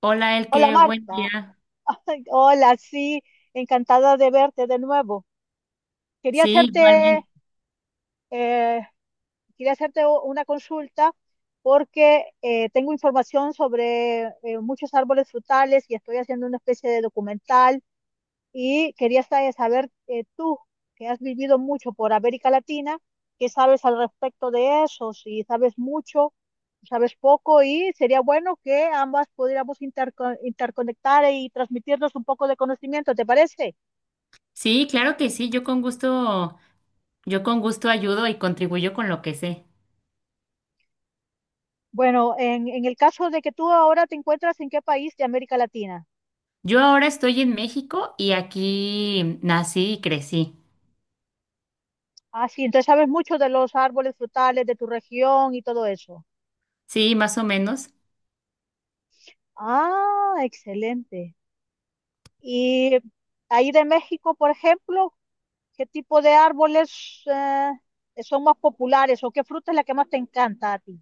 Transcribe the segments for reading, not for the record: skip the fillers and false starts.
Hola, Hola Elke, buen Marta, día. hola, sí, encantada de verte de nuevo. Quería Sí, hacerte igualmente. eh, quería hacerte una consulta porque tengo información sobre muchos árboles frutales y estoy haciendo una especie de documental y quería saber, tú, que has vivido mucho por América Latina, ¿qué sabes al respecto de eso? Si sabes mucho, sabes poco y sería bueno que ambas pudiéramos interconectar y transmitirnos un poco de conocimiento, ¿te parece? Sí, claro que sí, yo con gusto ayudo y contribuyo con lo que sé. Bueno, en el caso de que tú ahora te encuentras, en qué país de América Latina. Yo ahora estoy en México y aquí nací y crecí. Ah, sí, entonces sabes mucho de los árboles frutales de tu región y todo eso. Sí, más o menos. Ah, excelente. Y ahí de México, por ejemplo, ¿qué tipo de árboles son más populares o qué fruta es la que más te encanta a ti?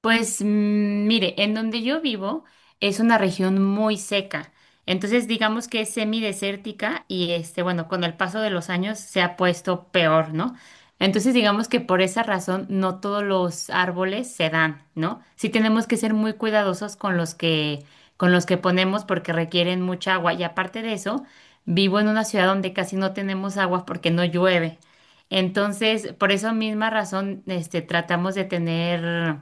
Pues mire, en donde yo vivo es una región muy seca, entonces digamos que es semidesértica y este, bueno, con el paso de los años se ha puesto peor, ¿no? Entonces digamos que por esa razón no todos los árboles se dan, ¿no? Sí tenemos que ser muy cuidadosos con los que ponemos porque requieren mucha agua y aparte de eso, vivo en una ciudad donde casi no tenemos agua porque no llueve. Entonces, por esa misma razón, este, tratamos de tener,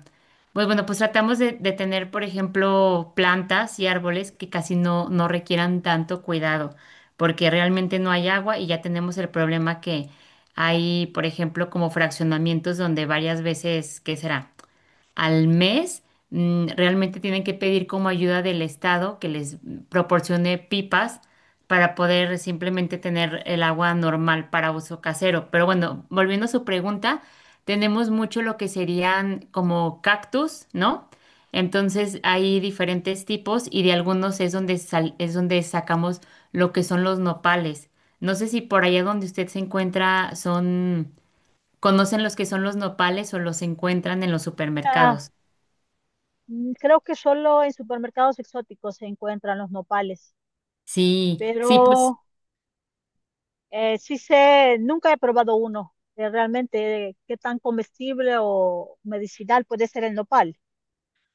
pues bueno, pues tratamos de tener, por ejemplo, plantas y árboles que casi no, no requieran tanto cuidado, porque realmente no hay agua y ya tenemos el problema que hay, por ejemplo, como fraccionamientos donde varias veces, ¿qué será? Al mes, realmente tienen que pedir como ayuda del Estado que les proporcione pipas para poder simplemente tener el agua normal para uso casero. Pero bueno, volviendo a su pregunta, tenemos mucho lo que serían como cactus, ¿no? Entonces hay diferentes tipos y de algunos es donde es donde sacamos lo que son los nopales. No sé si por allá donde usted se encuentra son, conocen los que son los nopales o los encuentran en los Ah, supermercados. mm, creo que solo en supermercados exóticos se encuentran los nopales, Sí, sí, pues, pero sí sé, nunca he probado uno, de realmente qué tan comestible o medicinal puede ser el nopal.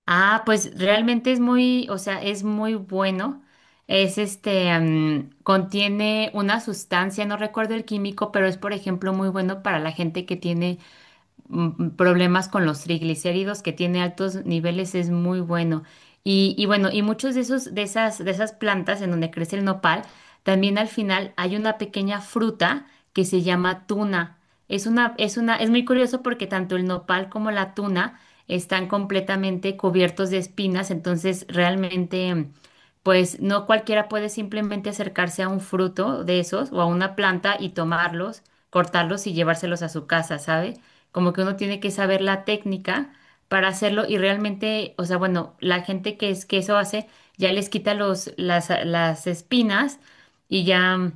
ah, pues realmente es muy, o sea, es muy bueno. Es este, contiene una sustancia, no recuerdo el químico, pero es, por ejemplo, muy bueno para la gente que tiene, problemas con los triglicéridos, que tiene altos niveles, es muy bueno. Y bueno, y muchos de esos, de esas plantas en donde crece el nopal, también al final hay una pequeña fruta que se llama tuna. Es muy curioso porque tanto el nopal como la tuna están completamente cubiertos de espinas, entonces realmente, pues no cualquiera puede simplemente acercarse a un fruto de esos o a una planta y tomarlos, cortarlos y llevárselos a su casa, ¿sabe? Como que uno tiene que saber la técnica para hacerlo y realmente, o sea, bueno, la gente que es que eso hace ya les quita los las espinas y ya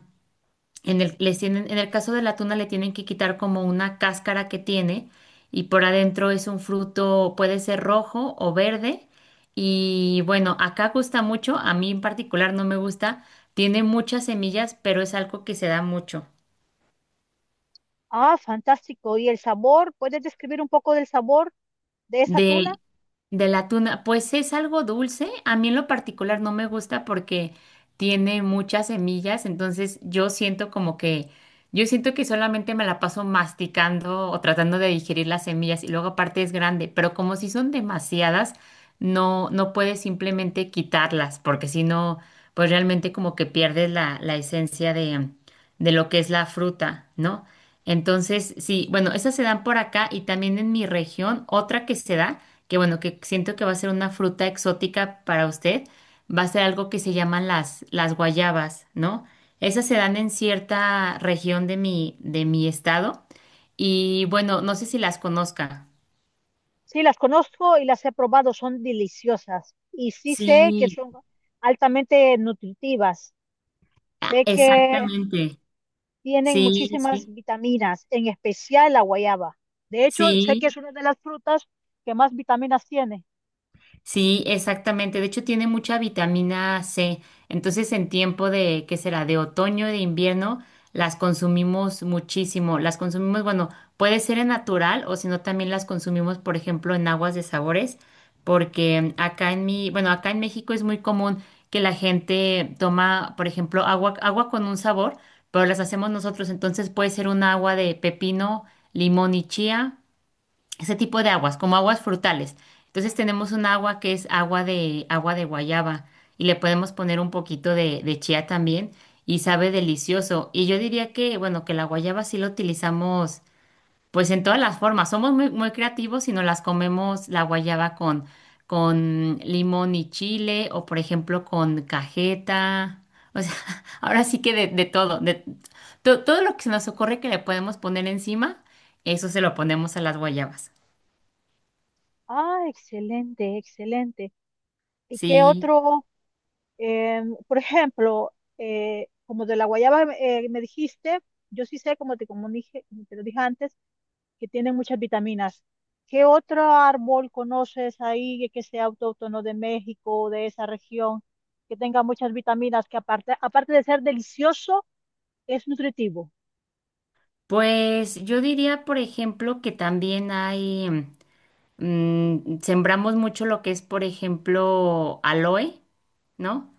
en el les tienen, en el caso de la tuna, le tienen que quitar como una cáscara que tiene y por adentro es un fruto, puede ser rojo o verde y bueno, acá gusta mucho, a mí en particular no me gusta, tiene muchas semillas, pero es algo que se da mucho. Ah, fantástico. ¿Y el sabor? ¿Puedes describir un poco del sabor de esa tuna? De, de la tuna, pues es algo dulce. A mí en lo particular no me gusta porque tiene muchas semillas, entonces yo siento como que, yo siento que solamente me la paso masticando o tratando de digerir las semillas y luego aparte es grande, pero como si son demasiadas, no, no puedes simplemente quitarlas porque si no, pues realmente como que pierdes la esencia de lo que es la fruta, ¿no? Entonces, sí, bueno, esas se dan por acá y también en mi región, otra que se da, que bueno, que siento que va a ser una fruta exótica para usted, va a ser algo que se llaman las guayabas, ¿no? Esas se dan en cierta región de mi estado y bueno, no sé si las conozca. Sí, las conozco y las he probado, son deliciosas. Y sí sé que Sí, son altamente nutritivas. ah, Sé que exactamente. tienen Sí, muchísimas sí, vitaminas, en especial la guayaba. De hecho, sé que sí. es una de las frutas que más vitaminas tiene. Sí, exactamente. De hecho, tiene mucha vitamina C. Entonces, en tiempo de, ¿qué será? De otoño, de invierno, las consumimos muchísimo. Las consumimos, bueno, puede ser en natural o si no, también las consumimos, por ejemplo, en aguas de sabores, porque acá en mi, bueno, acá en México es muy común que la gente toma, por ejemplo, agua con un sabor, pero las hacemos nosotros. Entonces, puede ser un agua de pepino, limón y chía, ese tipo de aguas, como aguas frutales. Entonces tenemos un agua que es agua de guayaba y le podemos poner un poquito de chía también y sabe delicioso. Y yo diría que, bueno, que la guayaba sí la utilizamos, pues en todas las formas. Somos muy, muy creativos y nos las comemos la guayaba con limón y chile o por ejemplo con cajeta. O sea, ahora sí que de todo, de todo lo que se nos ocurre que le podemos poner encima, eso se lo ponemos a las guayabas. Ah, excelente, excelente. ¿Y qué Sí, otro? Por ejemplo, como de la guayaba, me dijiste, yo sí sé, como te, como dije, te lo dije antes, que tienen muchas vitaminas. ¿Qué otro árbol conoces ahí que sea autóctono de México o de esa región, que tenga muchas vitaminas, que aparte, aparte de ser delicioso, es nutritivo? pues yo diría, por ejemplo, que también hay, sembramos mucho lo que es, por ejemplo, aloe, ¿no?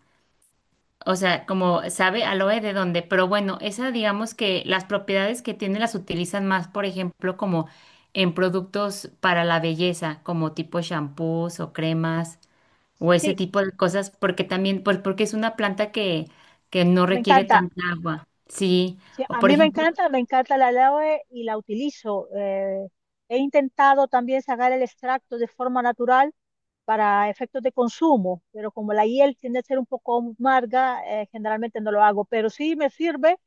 O sea, como sabe aloe de dónde, pero bueno, esa, digamos que las propiedades que tiene las utilizan más, por ejemplo, como en productos para la belleza, como tipo shampoos o cremas o ese Sí, tipo de cosas, porque también, pues porque es una planta que no me requiere encanta. tanta agua, sí. Sí, O a por mí ejemplo, me encanta la aloe y la utilizo. He intentado también sacar el extracto de forma natural para efectos de consumo, pero como la hiel tiende a ser un poco amarga, generalmente no lo hago, pero sí me sirve,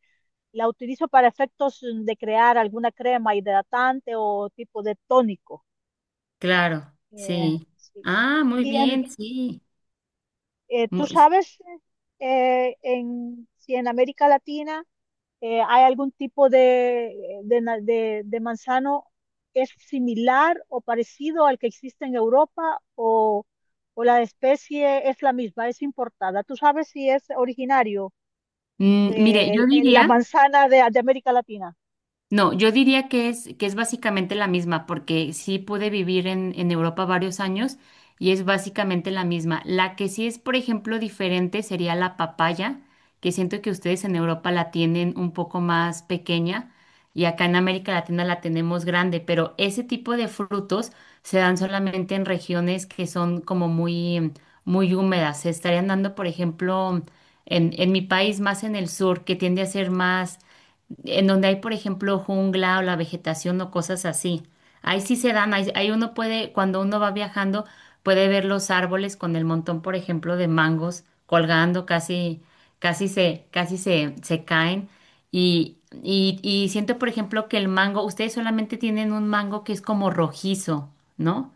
la utilizo para efectos de crear alguna crema hidratante o tipo de tónico. claro, Eh, sí. sí. Ah, muy Y bien, sí. Tú Mu- sabes, si en América Latina, ¿hay algún tipo de manzano que es similar o parecido al que existe en Europa, o la especie es la misma, es importada? ¿Tú sabes si es originario, mire, yo la diría, manzana de América Latina? no, yo diría que es básicamente la misma, porque sí pude vivir en Europa varios años y es básicamente la misma. La que sí es, por ejemplo, diferente sería la papaya, que siento que ustedes en Europa la tienen un poco más pequeña y acá en América Latina la tenemos grande, pero ese tipo de frutos se dan solamente en regiones que son como muy, muy húmedas. Se estarían dando, por ejemplo, en mi país más en el sur, que tiende a ser más en donde hay, por ejemplo, jungla o la vegetación o cosas así. Ahí sí se dan, ahí, ahí uno puede, cuando uno va viajando, puede ver los árboles con el montón, por ejemplo, de mangos colgando, casi, casi se, se caen. Y siento, por ejemplo, que el mango, ustedes solamente tienen un mango que es como rojizo, ¿no?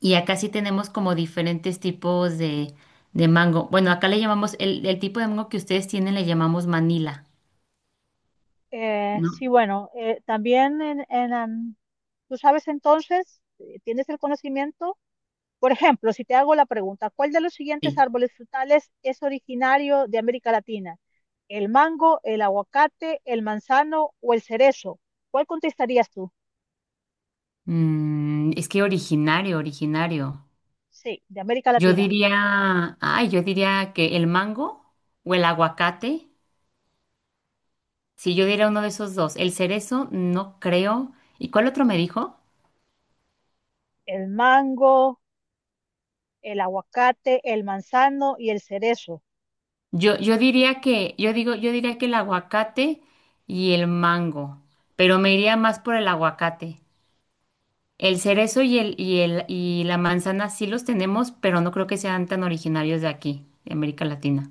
Y acá sí tenemos como diferentes tipos de mango. Bueno, acá le llamamos, el tipo de mango que ustedes tienen le llamamos Manila, ¿no? Sí, bueno, también ¿tú sabes entonces, tienes el conocimiento? Por ejemplo, si te hago la pregunta, ¿cuál de los siguientes Sí. árboles frutales es originario de América Latina? ¿El mango, el aguacate, el manzano o el cerezo? ¿Cuál contestarías tú? Mm, es que originario, originario. Sí, de América Yo Latina. diría, ay, yo diría que el mango o el aguacate. Sí, yo diría uno de esos dos. El cerezo, no creo. ¿Y cuál otro me dijo? El mango, el aguacate, el manzano y el cerezo. Yo diría que, yo digo, yo diría que el aguacate y el mango, pero me iría más por el aguacate. El cerezo y la manzana sí los tenemos, pero no creo que sean tan originarios de aquí, de América Latina.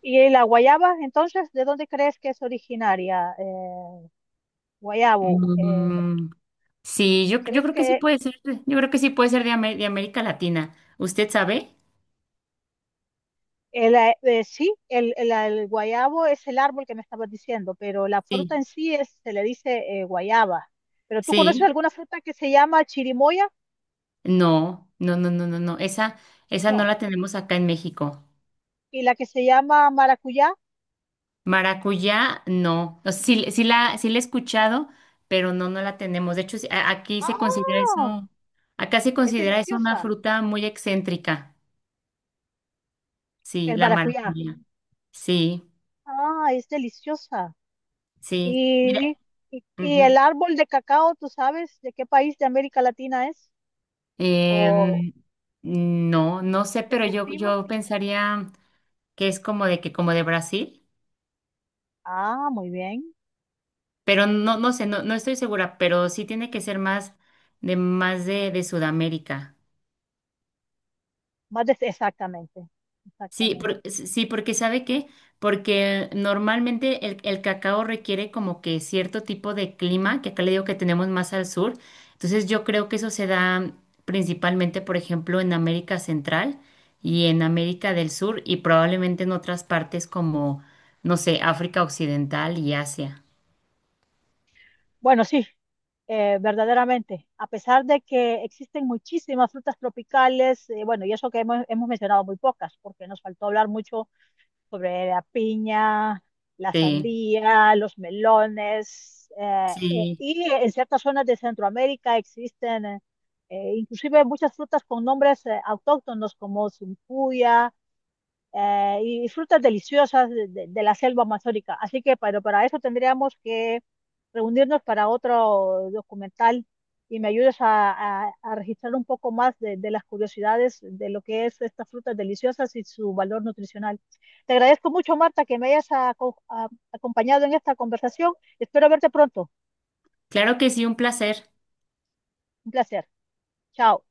¿Y la guayaba, entonces, de dónde crees que es originaria? Guayabo, Mm, sí, yo ¿crees creo que sí que puede ser, yo creo que sí puede ser de, de América Latina. ¿Usted sabe? el, sí, el guayabo es el árbol que me estabas diciendo, pero la fruta Sí, en sí es, se le dice guayaba? ¿Pero tú conoces sí. alguna fruta que se llama chirimoya? No, no, no, no, no, no. Esa no No. la tenemos acá en México. ¿Y la que se llama maracuyá? Maracuyá, no. O sea, sí, sí la he escuchado, pero no, no la tenemos. De hecho, sí, aquí se considera ¡Ah! eso, acá se Es considera eso una deliciosa. fruta muy excéntrica. Sí, El la maracuyá. maracuyá. Sí, Ah, es deliciosa. sí. Mira, Y, y ujú. el árbol de cacao, ¿tú sabes de qué país de América Latina es? ¿O Em, no, no sé, que se pero yo, cultiva? yo pensaría que es como de Brasil, Ah, muy bien. pero no, no sé, no, no estoy segura, pero sí tiene que ser más de de Sudamérica. Más de, exactamente. Sí, Exactamente. Sí, porque ¿sabe qué? Porque normalmente el cacao requiere como que cierto tipo de clima, que acá le digo que tenemos más al sur. Entonces yo creo que eso se da principalmente, por ejemplo, en América Central y en América del Sur y probablemente en otras partes como, no sé, África Occidental y Asia. Bueno, sí. Verdaderamente, a pesar de que existen muchísimas frutas tropicales, bueno, y eso que hemos mencionado muy pocas, porque nos faltó hablar mucho sobre la piña, la Sí, sandía, los melones, sí. y en ciertas zonas de Centroamérica existen, inclusive, muchas frutas con nombres autóctonos como zumpuya, y frutas deliciosas de la selva amazónica. Así que, pero para eso tendríamos que reunirnos para otro documental y me ayudes a registrar un poco más de las curiosidades de lo que es estas frutas deliciosas y su valor nutricional. Te agradezco mucho, Marta, que me hayas acompañado en esta conversación. Espero verte pronto. Claro que sí, un placer. Un placer. Chao.